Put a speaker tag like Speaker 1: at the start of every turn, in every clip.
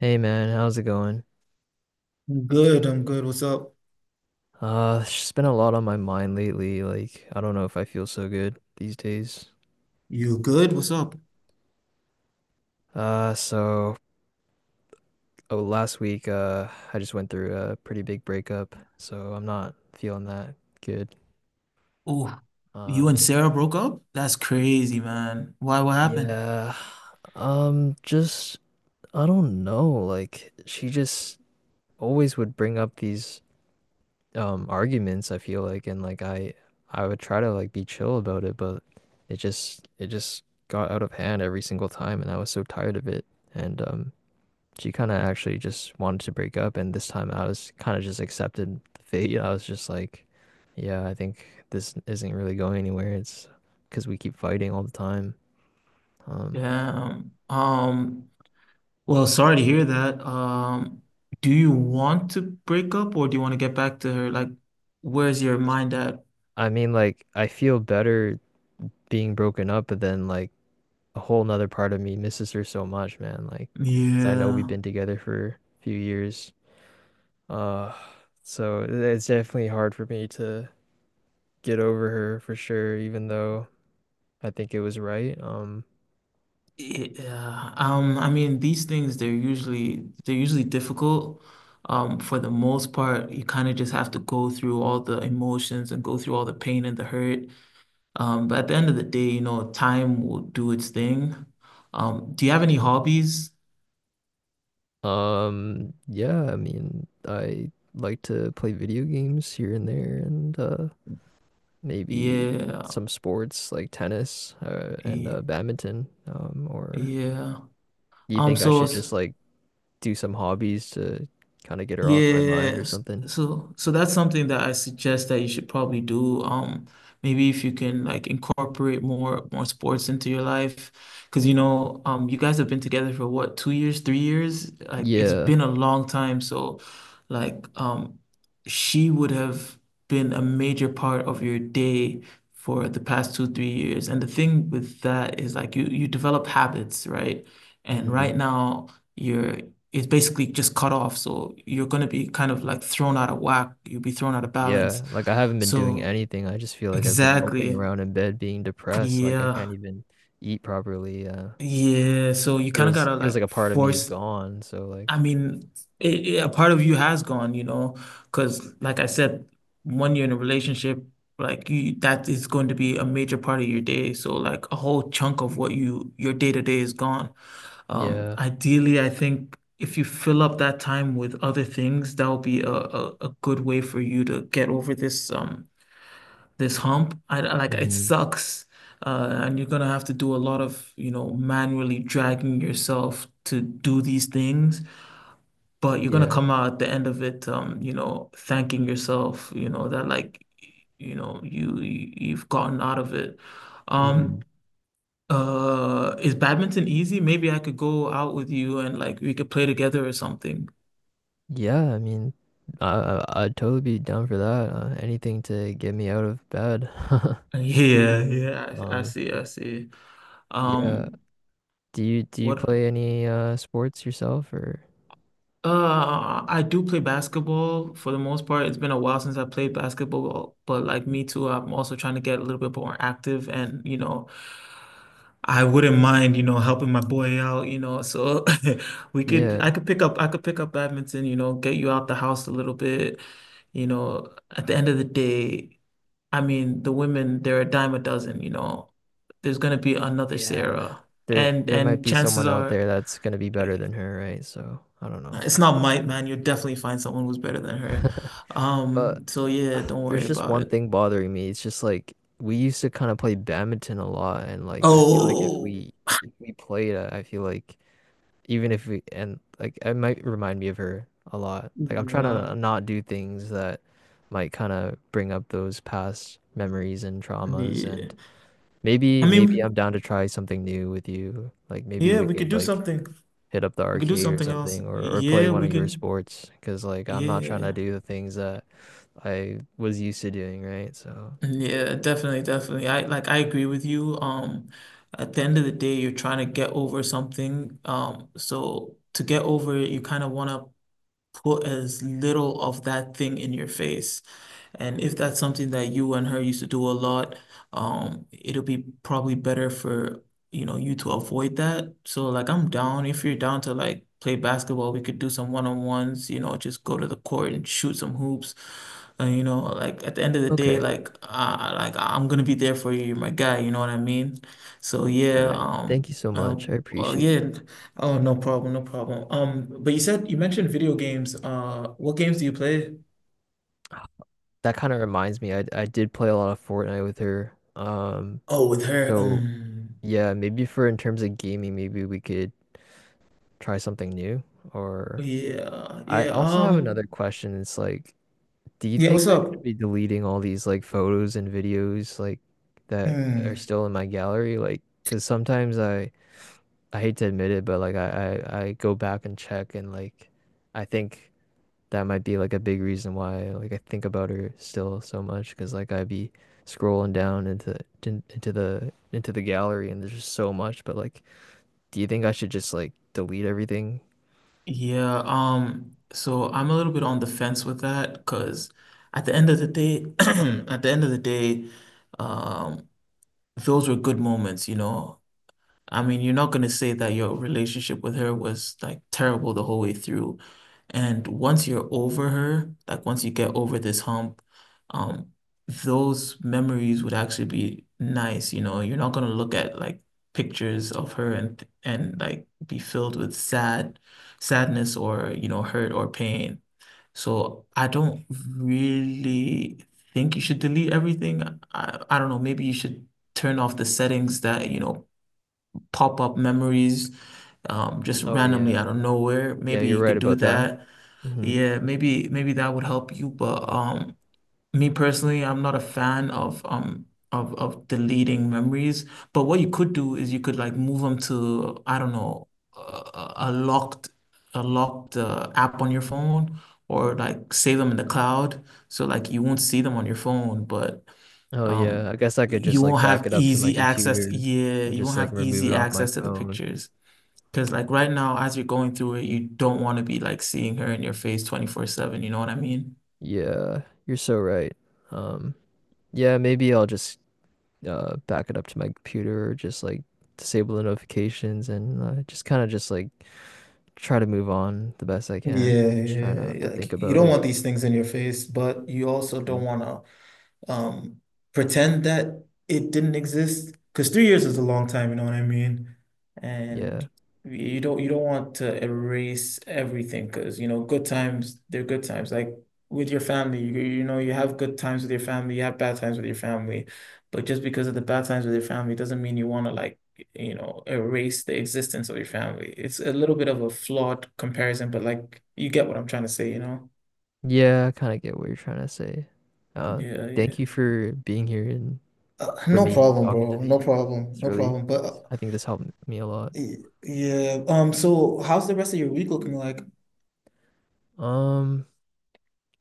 Speaker 1: Hey man, how's it going?
Speaker 2: I'm good. I'm good. What's up?
Speaker 1: It's just been a lot on my mind lately. Like, I don't know if I feel so good these days.
Speaker 2: You good? What's up?
Speaker 1: Uh, so oh, Last week, I just went through a pretty big breakup, so I'm not feeling that good.
Speaker 2: Oh, you
Speaker 1: Um,
Speaker 2: and Sarah broke up? That's crazy, man. Why? What happened?
Speaker 1: yeah, just I don't know. Like, she just always would bring up these arguments I feel like, and like I would try to like be chill about it, but it just got out of hand every single time and I was so tired of it, and she kind of actually just wanted to break up, and this time I was kind of just accepted fate. I was just like, yeah, I think this isn't really going anywhere. It's because we keep fighting all the time. um
Speaker 2: Damn. Well, sorry to hear that. Do you want to break up or do you want to get back to her? Like, where's your mind at?
Speaker 1: I mean, like I feel better being broken up, but then like a whole nother part of me misses her so much, man. Like, because I know we've
Speaker 2: Yeah.
Speaker 1: been together for a few years. Uh, so it's definitely hard for me to get over her for sure, even though I think it was right.
Speaker 2: Yeah. I mean, these things they're usually difficult. For the most part, you kind of just have to go through all the emotions and go through all the pain and the hurt. But at the end of the day, you know, time will do its thing. Do you have any hobbies?
Speaker 1: Yeah, I mean, I like to play video games here and there, and maybe
Speaker 2: Yeah,
Speaker 1: some sports like tennis, and
Speaker 2: yeah,
Speaker 1: badminton. Or
Speaker 2: yeah.
Speaker 1: do you
Speaker 2: Um,
Speaker 1: think I
Speaker 2: so
Speaker 1: should
Speaker 2: s-
Speaker 1: just like do some hobbies to kind of get her off my mind
Speaker 2: Yeah,
Speaker 1: or
Speaker 2: s-
Speaker 1: something?
Speaker 2: so that's something that I suggest that you should probably do. Maybe if you can like incorporate more sports into your life, because you know, you guys have been together for what, 2 years, 3 years? Like it's
Speaker 1: Yeah.
Speaker 2: been a long time. So, like, she would have been a major part of your day for the past two, 3 years. And the thing with that is like you develop habits, right? And
Speaker 1: hmm
Speaker 2: right now. You're is basically just cut off. So you're going to be kind of like thrown out of whack. You'll be thrown out of balance.
Speaker 1: Yeah. Like I haven't been doing
Speaker 2: So
Speaker 1: anything. I just feel like I've been moping
Speaker 2: exactly.
Speaker 1: around in bed being depressed. Like I can't
Speaker 2: Yeah.
Speaker 1: even eat properly.
Speaker 2: Yeah. So you kind of got
Speaker 1: Feels
Speaker 2: to
Speaker 1: feels like a
Speaker 2: like
Speaker 1: part of me is
Speaker 2: force.
Speaker 1: gone. So
Speaker 2: I
Speaker 1: like
Speaker 2: mean, a part of you has gone, you know, because like I said, when you're in a relationship, like you, that is going to be a major part of your day. So like a whole chunk of what you, your day to day is gone.
Speaker 1: yeah.
Speaker 2: Ideally, I think if you fill up that time with other things, that'll be a good way for you to get over this hump. I like it
Speaker 1: hmm
Speaker 2: sucks. And you're gonna have to do a lot of, you know, manually dragging yourself to do these things, but you're gonna
Speaker 1: Yeah.
Speaker 2: come out at the end of it, you know, thanking yourself, you know, that like, you know, you've gotten out of it. Um,
Speaker 1: hmm
Speaker 2: is badminton easy? Maybe I could go out with you and like we could play together or something.
Speaker 1: Yeah, I mean I'd totally be down for that. Anything to get me out of bed.
Speaker 2: Yeah, yeah, I
Speaker 1: Um
Speaker 2: see, I see.
Speaker 1: yeah.
Speaker 2: Um,
Speaker 1: Do you
Speaker 2: what?
Speaker 1: play any sports yourself or
Speaker 2: I do play basketball for the most part. It's been a while since I played basketball, but like me too, I'm also trying to get a little bit more active and, you know, I wouldn't mind, you know, helping my boy out, you know. So we could I
Speaker 1: yeah.
Speaker 2: could pick up I could pick up badminton, you know, get you out the house a little bit, you know. At the end of the day, I mean, the women, they're a dime a dozen, you know. There's gonna be another
Speaker 1: Yeah.
Speaker 2: Sarah.
Speaker 1: there
Speaker 2: And
Speaker 1: there might
Speaker 2: and
Speaker 1: be
Speaker 2: chances
Speaker 1: someone out
Speaker 2: are
Speaker 1: there that's gonna be better than her, right? So I don't
Speaker 2: nah,
Speaker 1: know.
Speaker 2: it's not might, man. You'll definitely find someone who's better than her.
Speaker 1: But
Speaker 2: So yeah,
Speaker 1: ah,
Speaker 2: don't worry
Speaker 1: there's just
Speaker 2: about
Speaker 1: one
Speaker 2: it.
Speaker 1: thing bothering me. It's just like we used to kind of play badminton a lot, and like I feel like if
Speaker 2: Oh,
Speaker 1: we if we played, I feel like even if we, and like it might remind me of her a lot. Like I'm trying to
Speaker 2: yeah.
Speaker 1: not do things that might kind of bring up those past memories and traumas,
Speaker 2: Yeah.
Speaker 1: and
Speaker 2: I
Speaker 1: maybe
Speaker 2: mean,
Speaker 1: I'm down to try something new with you. Like maybe
Speaker 2: yeah,
Speaker 1: we
Speaker 2: we could
Speaker 1: could
Speaker 2: do
Speaker 1: like
Speaker 2: something.
Speaker 1: hit up the
Speaker 2: We could do
Speaker 1: arcade or
Speaker 2: something else.
Speaker 1: something, or play
Speaker 2: Yeah,
Speaker 1: one
Speaker 2: we
Speaker 1: of your
Speaker 2: could.
Speaker 1: sports, because like I'm not trying to
Speaker 2: Yeah.
Speaker 1: do the things that I was used to doing, right? So
Speaker 2: Yeah, definitely, definitely. I agree with you. At the end of the day, you're trying to get over something. So to get over it, you kind of want to put as little of that thing in your face. And if that's something that you and her used to do a lot, it'll be probably better for, you know, you to avoid that. So like I'm down if you're down to like play basketball, we could do some one-on-ones, you know, just go to the court and shoot some hoops. And you know, like at the end of the day,
Speaker 1: okay.
Speaker 2: like I'm gonna be there for you. You're my guy, you know what I mean? So
Speaker 1: All
Speaker 2: yeah,
Speaker 1: right. Thank you so
Speaker 2: uh,
Speaker 1: much. I
Speaker 2: well,
Speaker 1: appreciate you.
Speaker 2: yeah. Oh, no problem, no problem. But you said you mentioned video games. What games do you play?
Speaker 1: That kind of reminds me, I did play a lot of Fortnite with her. Um,
Speaker 2: Oh, with her.
Speaker 1: so yeah, maybe for in terms of gaming, maybe we could try something new. Or
Speaker 2: Yeah,
Speaker 1: I
Speaker 2: yeah.
Speaker 1: also have another question. It's like, do you
Speaker 2: Yeah.
Speaker 1: think
Speaker 2: What's
Speaker 1: I
Speaker 2: up?
Speaker 1: should be deleting all these like photos and videos like that are
Speaker 2: Mm,
Speaker 1: still in my gallery? Like, because sometimes I hate to admit it, but like I go back and check, and like I think that might be like a big reason why like I think about her still so much, because like I'd be scrolling down into the gallery, and there's just so much. But like, do you think I should just like delete everything?
Speaker 2: yeah. So I'm a little bit on the fence with that because at the end of the day, at the end of the day, um, those were good moments, you know. I mean, you're not gonna say that your relationship with her was like terrible the whole way through. And once you're over her, like once you get over this hump, um, those memories would actually be nice, you know. You're not gonna look at like pictures of her and like be filled with sadness or, you know, hurt or pain. So I don't really think you should delete everything. I don't know, maybe you should turn off the settings that, you know, pop up memories just
Speaker 1: Oh
Speaker 2: randomly
Speaker 1: yeah,
Speaker 2: out of nowhere.
Speaker 1: yeah,
Speaker 2: Maybe
Speaker 1: you're
Speaker 2: you
Speaker 1: right
Speaker 2: could do
Speaker 1: about that.
Speaker 2: that.
Speaker 1: hmm
Speaker 2: Yeah, maybe that would help you. But me personally, I'm not a fan of of deleting memories. But what you could do is you could like move them to I don't know a, a locked a locked app on your phone or like save them in the cloud so like you won't see them on your phone, but
Speaker 1: Oh yeah,
Speaker 2: um
Speaker 1: I guess I could
Speaker 2: you
Speaker 1: just like
Speaker 2: won't
Speaker 1: back
Speaker 2: have
Speaker 1: it up to my
Speaker 2: easy access.
Speaker 1: computer
Speaker 2: Yeah,
Speaker 1: and
Speaker 2: you
Speaker 1: just
Speaker 2: won't
Speaker 1: like
Speaker 2: have
Speaker 1: remove it
Speaker 2: easy
Speaker 1: off my
Speaker 2: access to the
Speaker 1: phone.
Speaker 2: pictures. Because like right now, as you're going through it, you don't want to be like seeing her in your face 24/7, you know what I mean?
Speaker 1: Yeah, you're so right. Um, yeah, maybe I'll just back it up to my computer, or just like disable the notifications and, just kind of just like try to move on the best I can.
Speaker 2: Yeah,
Speaker 1: Just try
Speaker 2: yeah,
Speaker 1: not
Speaker 2: yeah.
Speaker 1: to think
Speaker 2: Like you
Speaker 1: about
Speaker 2: don't
Speaker 1: it.
Speaker 2: want these things in your face, but you also don't
Speaker 1: Mm.
Speaker 2: want to um, pretend that it didn't exist because 3 years is a long time, you know what I mean? And
Speaker 1: Yeah.
Speaker 2: you don't want to erase everything, because you know, good times, they're good times. Like with your family, you know, you have good times with your family, you have bad times with your family, but just because of the bad times with your family doesn't mean you want to like, you know, erase the existence of your family. It's a little bit of a flawed comparison, but like you get what I'm trying to say, you know.
Speaker 1: Yeah, I kind of get what you're trying to say. Uh,
Speaker 2: Yeah, yeah.
Speaker 1: Thank you for being here and for
Speaker 2: No
Speaker 1: me and
Speaker 2: problem,
Speaker 1: talking to
Speaker 2: bro. No
Speaker 1: me.
Speaker 2: problem.
Speaker 1: It's
Speaker 2: No
Speaker 1: really,
Speaker 2: problem. But
Speaker 1: I think this helped me a lot.
Speaker 2: yeah, so how's the rest of your week looking like?
Speaker 1: Um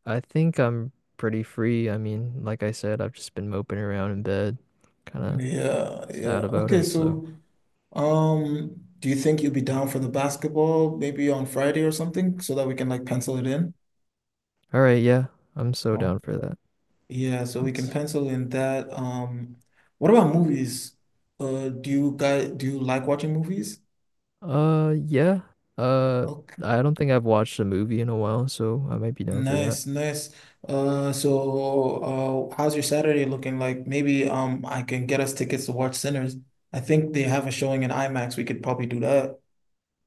Speaker 1: I think I'm pretty free. I mean, like I said, I've just been moping around in bed, kind of
Speaker 2: Yeah, yeah.
Speaker 1: sad about
Speaker 2: Okay,
Speaker 1: it. So,
Speaker 2: so do you think you'll be down for the basketball maybe on Friday or something so that we can like pencil it in?
Speaker 1: all right, yeah, I'm so
Speaker 2: Uh,
Speaker 1: down for that.
Speaker 2: yeah, so we can
Speaker 1: Let's,
Speaker 2: pencil in that. What about movies? Do you like watching movies?
Speaker 1: yeah, uh, I don't think I've watched a movie in a while, so I might be down for that.
Speaker 2: Nice, nice. So, how's your Saturday looking like? Maybe I can get us tickets to watch Sinners. I think they have a showing in IMAX. We could probably do that.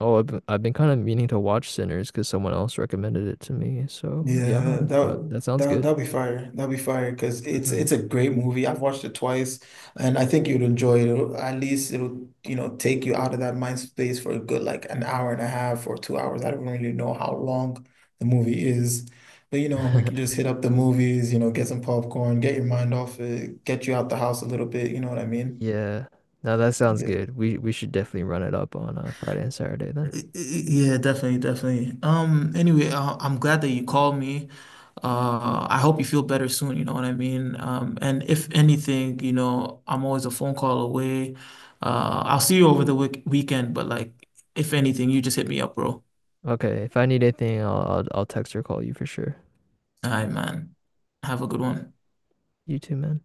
Speaker 1: Oh, I've been kind of meaning to watch Sinners because someone else recommended it to me. So, yeah,
Speaker 2: Yeah,
Speaker 1: I'm,
Speaker 2: that
Speaker 1: that sounds
Speaker 2: that
Speaker 1: good.
Speaker 2: that'll be fire. That'll be fire because it's
Speaker 1: Mhm.
Speaker 2: it's a great movie. I've watched it twice, and I think you'd enjoy it. At least it'll, you know, take you out of that mind space for a good like an hour and a half or 2 hours. I don't really know how long the movie is, but you know we can just hit up the movies. You know, get some popcorn, get your mind off it, get you out the house a little bit. You know what I mean?
Speaker 1: Yeah, no, that sounds
Speaker 2: Yeah.
Speaker 1: good. We should definitely run it up on Friday and Saturday then.
Speaker 2: Yeah, definitely, definitely. Anyway, I'm glad that you called me. I hope you feel better soon, you know what I mean? And if anything, you know, I'm always a phone call away. I'll see you over the weekend, but like, if anything, you just hit me up, bro.
Speaker 1: Okay, if I need anything, I'll text or call you for sure.
Speaker 2: All right, man. Have a good one.
Speaker 1: You too, man.